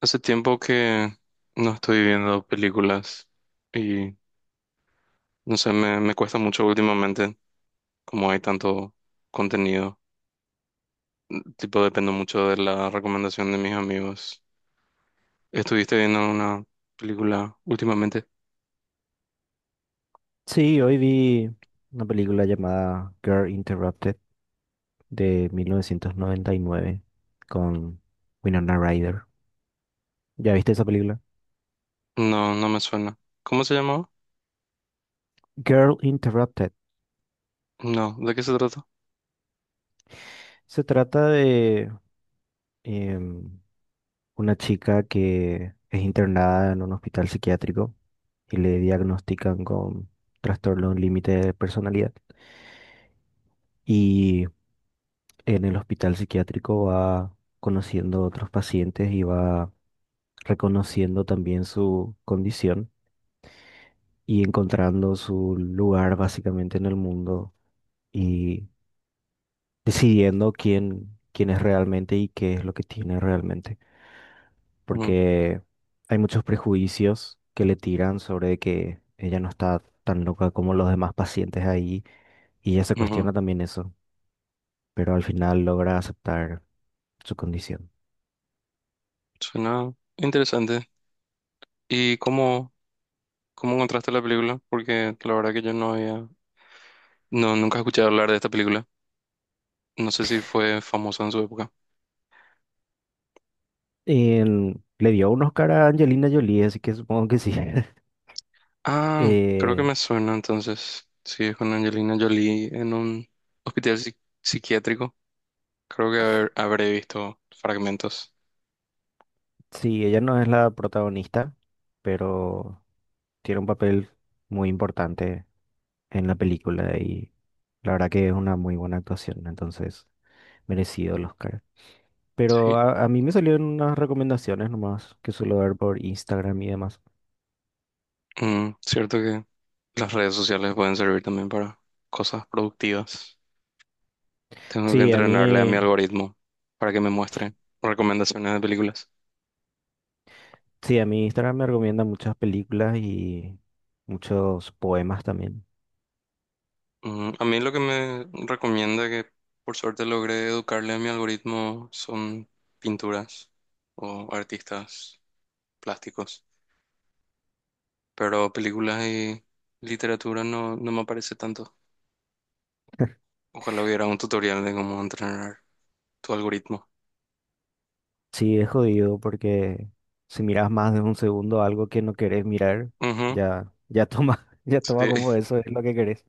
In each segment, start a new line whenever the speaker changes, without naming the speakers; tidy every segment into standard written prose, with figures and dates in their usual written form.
Hace tiempo que no estoy viendo películas y no sé, me cuesta mucho últimamente, como hay tanto contenido. Tipo, dependo mucho de la recomendación de mis amigos. ¿Estuviste viendo una película últimamente?
Sí, hoy vi una película llamada Girl Interrupted de 1999 con Winona Ryder. ¿Ya viste esa película?
No, no me suena. ¿Cómo se llamaba?
Girl Interrupted.
No, ¿de qué se trata?
Se trata de em, una chica que es internada en un hospital psiquiátrico y le diagnostican con trastorno límite de personalidad. Y en el hospital psiquiátrico va conociendo otros pacientes y va reconociendo también su condición y encontrando su lugar básicamente en el mundo y decidiendo quién es realmente y qué es lo que tiene realmente.
Ujú,
Porque hay muchos prejuicios que le tiran sobre que ella no está tan loca como los demás pacientes ahí y ella se
ujú.
cuestiona también eso, pero al final logra aceptar su condición.
Suena interesante. ¿Y cómo encontraste la película? Porque la verdad que yo no había, no, nunca escuché hablar de esta película. No sé si fue famosa en su época.
Le dio un Oscar a Angelina Jolie, así que supongo que sí.
Ah, creo que
Eh,
me suena entonces. Sí, es con Angelina Jolie en un hospital psiquiátrico. Creo que habré visto fragmentos.
sí, ella no es la protagonista, pero tiene un papel muy importante en la película y la verdad que es una muy buena actuación, entonces merecido el Oscar. Pero
Sí,
a mí me salieron unas recomendaciones nomás que suelo ver por Instagram y demás.
Cierto que las redes sociales pueden servir también para cosas productivas. Tengo que
Sí, a
entrenarle a mi
mí,
algoritmo para que me muestre recomendaciones de películas.
sí, a mí Instagram me recomienda muchas películas y muchos poemas también.
A mí lo que me recomienda, que por suerte logré educarle a mi algoritmo, son pinturas o artistas plásticos. Pero películas y literatura no, no me aparece tanto. Ojalá hubiera un tutorial de cómo entrenar tu algoritmo.
Sí, es jodido porque si miras más de un segundo algo que no querés mirar,
Ujú,
ya toma, ya toma
sí.
como eso es lo que querés.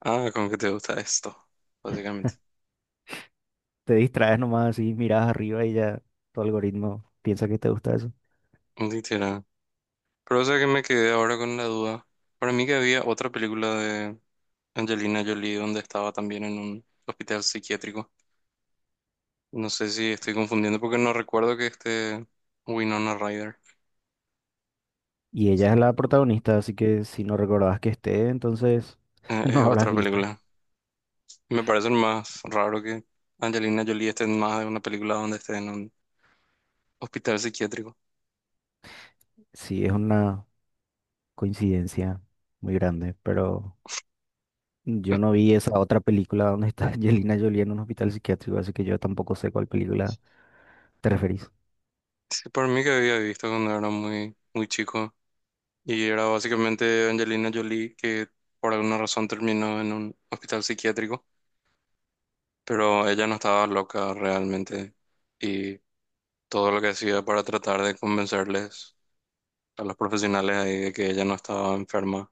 Ah, con que te gusta esto, básicamente.
Te distraes nomás así, miras arriba y ya tu algoritmo piensa que te gusta eso.
Literal. Pero o sea que me quedé ahora con la duda. Para mí que había otra película de Angelina Jolie donde estaba también en un hospital psiquiátrico. No sé si estoy confundiendo porque no recuerdo que este Winona Ryder.
Y
Sí,
ella es la protagonista, así que si no recordabas que esté, entonces
es
no habrás
otra
visto.
película. Me parece más raro que Angelina Jolie esté en más de una película donde esté en un hospital psiquiátrico.
Sí, es una coincidencia muy grande, pero yo no vi esa otra película donde está Angelina Jolie en un hospital psiquiátrico, así que yo tampoco sé cuál película te referís.
Sí, por mí que había visto cuando era muy, muy chico. Y era básicamente Angelina Jolie que por alguna razón terminó en un hospital psiquiátrico. Pero ella no estaba loca realmente. Y todo lo que hacía para tratar de convencerles a los profesionales ahí de que ella no estaba enferma.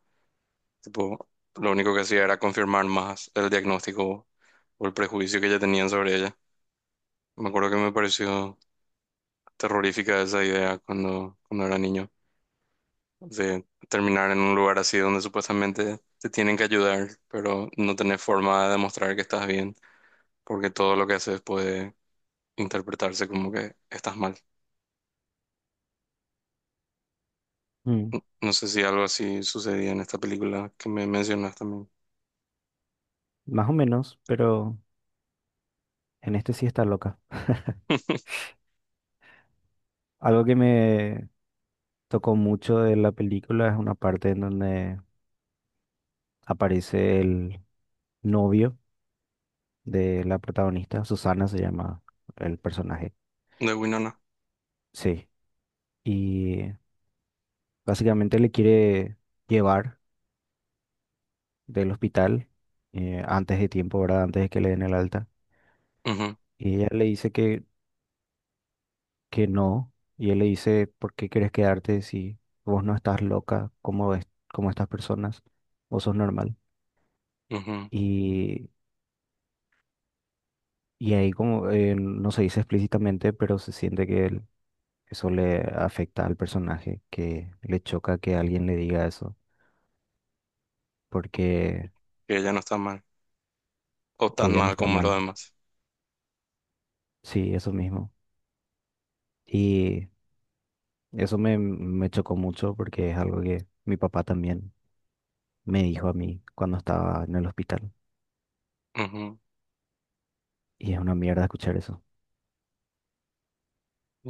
Tipo, lo único que hacía era confirmar más el diagnóstico o el prejuicio que ya tenían sobre ella. Me acuerdo que me pareció terrorífica esa idea cuando era niño, de terminar en un lugar así donde supuestamente te tienen que ayudar, pero no tenés forma de demostrar que estás bien, porque todo lo que haces puede interpretarse como que estás mal.
Mm,
No sé si algo así sucedía en esta película que me mencionas también,
Más o menos, pero en este sí está loca. Algo que me tocó mucho de la película es una parte en donde aparece el novio de la protagonista, Susana se llama el personaje,
de Winona.
sí, y básicamente le quiere llevar del hospital antes de tiempo, ¿verdad? Antes de que le den el alta,
Ujú,
y ella le dice que no, y él le dice, ¿por qué quieres quedarte si vos no estás loca como, es, como estas personas? Vos sos normal.
ujú,
Y, y ahí como no se dice explícitamente, pero se siente que eso le afecta al personaje, que le choca que alguien le diga eso porque
que ella no está mal, o
que
tan
ella no
mal
está
como los
mal.
demás.
Sí, eso mismo. Y eso me chocó mucho porque es algo que mi papá también me dijo a mí cuando estaba en el hospital.
Ujú.
Y es una mierda escuchar eso.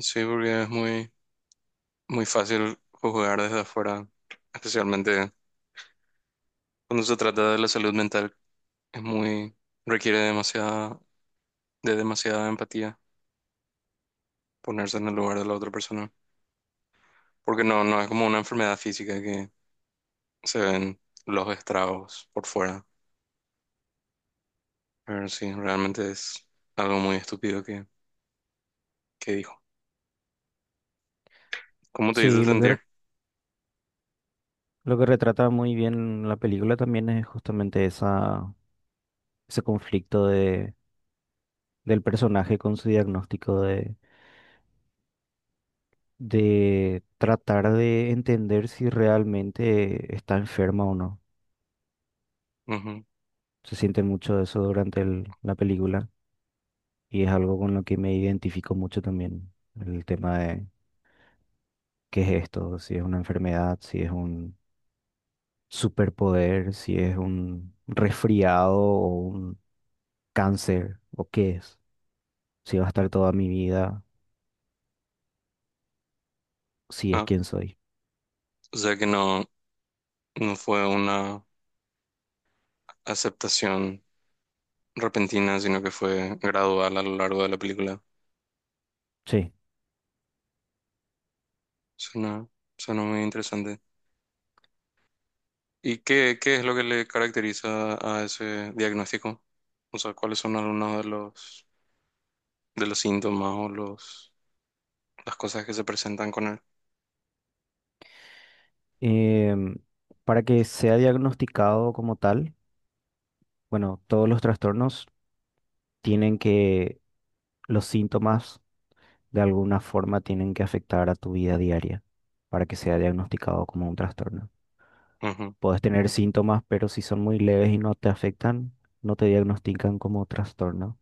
Sí, porque es muy, muy fácil juzgar desde afuera, especialmente. Cuando se trata de la salud mental, es muy, requiere de demasiada empatía ponerse en el lugar de la otra persona. Porque no es como una enfermedad física que se ven los estragos por fuera. Pero sí, realmente es algo muy estúpido que dijo. ¿Cómo te hizo
Sí,
sentir?
lo que retrata muy bien la película también es justamente ese conflicto del personaje con su diagnóstico de tratar de entender si realmente está enferma o no.
Ujú.
Se siente mucho eso durante la película. Y es algo con lo que me identifico mucho también, el tema de qué es esto, si es una enfermedad, si es un superpoder, si es un resfriado o un cáncer, o qué es, si va a estar toda mi vida, si es
Ah,
quien soy.
o sea que no fue una aceptación repentina, sino que fue gradual a lo largo de la película.
Sí.
Suena, suena muy interesante. ¿Y qué es lo que le caracteriza a ese diagnóstico? O sea, ¿cuáles son algunos de los síntomas o las cosas que se presentan con él?
Em, para que sea diagnosticado como tal, bueno, todos los trastornos tienen que, los síntomas de alguna forma tienen que afectar a tu vida diaria para que sea diagnosticado como un trastorno.
Ujú. O
Puedes tener síntomas, pero si son muy leves y no te afectan, no te diagnostican como trastorno.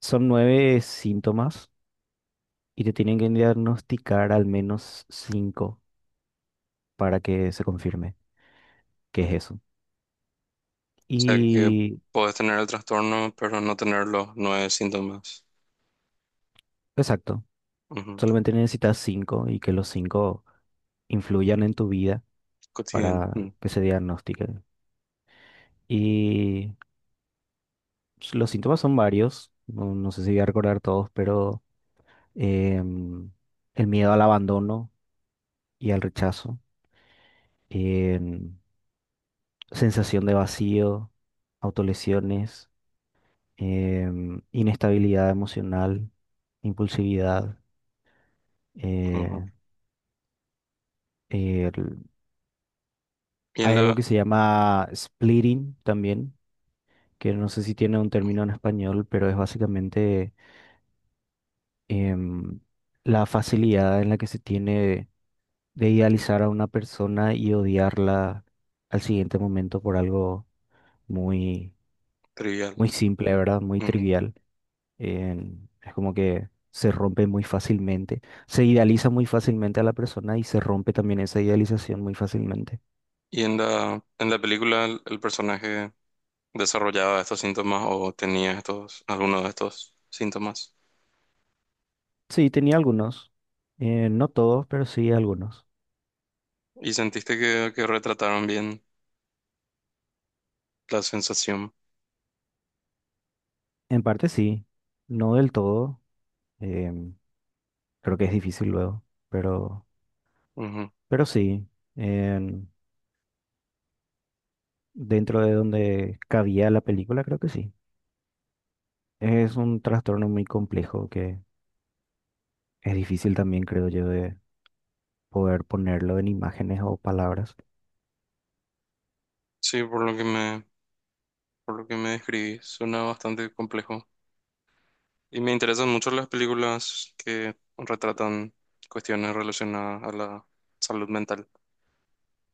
Son nueve síntomas y te tienen que diagnosticar al menos cinco para que se confirme que es eso.
sea, que
Y
puedes tener el trastorno, pero no tener los nueve síntomas.
exacto,
Ujú.
solamente necesitas cinco y que los cinco influyan en tu vida
Cotidiano. Mm.
para que se diagnostique. Y los síntomas son varios, no, no sé si voy a recordar todos, pero em, el miedo al abandono y al rechazo, em, sensación de vacío, autolesiones, inestabilidad emocional, impulsividad.
Ujú.
eh, el-
Y en
Hay algo que
la
se llama splitting también, que no sé si tiene un término en español, pero es básicamente em, la facilidad en la que se tiene de idealizar a una persona y odiarla al siguiente momento por algo muy,
Trivial.
muy simple, ¿verdad? Muy
Ujú.
trivial. Es como que se rompe muy fácilmente, se idealiza muy fácilmente a la persona y se rompe también esa idealización muy fácilmente.
Y en la película, el personaje desarrollaba estos síntomas o tenía estos, alguno de estos síntomas.
Sí, tenía algunos, no todos, pero sí algunos.
Y sentiste que retrataron bien la sensación.
En parte sí, no del todo, em, creo que es difícil luego, pero, pero sí, en- dentro de donde cabía la película, creo que sí. Es un trastorno muy complejo que es difícil también, creo yo, de poder ponerlo en imágenes o palabras.
Sí, por lo que me describí, suena bastante complejo. Y me interesan mucho las películas que retratan cuestiones relacionadas a la salud mental.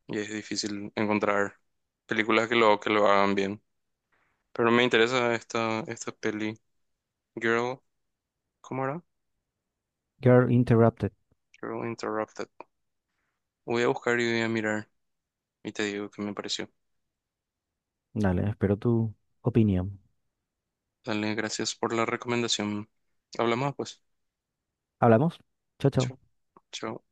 Y es difícil encontrar películas que lo hagan bien. Pero me interesa esta peli. Girl, ¿cómo era?
You're interrupted.
Girl Interrupted. Voy a buscar y voy a mirar. Y te digo qué me pareció.
Dale, espero tu opinión.
Dale, gracias por la recomendación. Hablamos pues.
Hablamos. Chao, chao.
Chao, chao.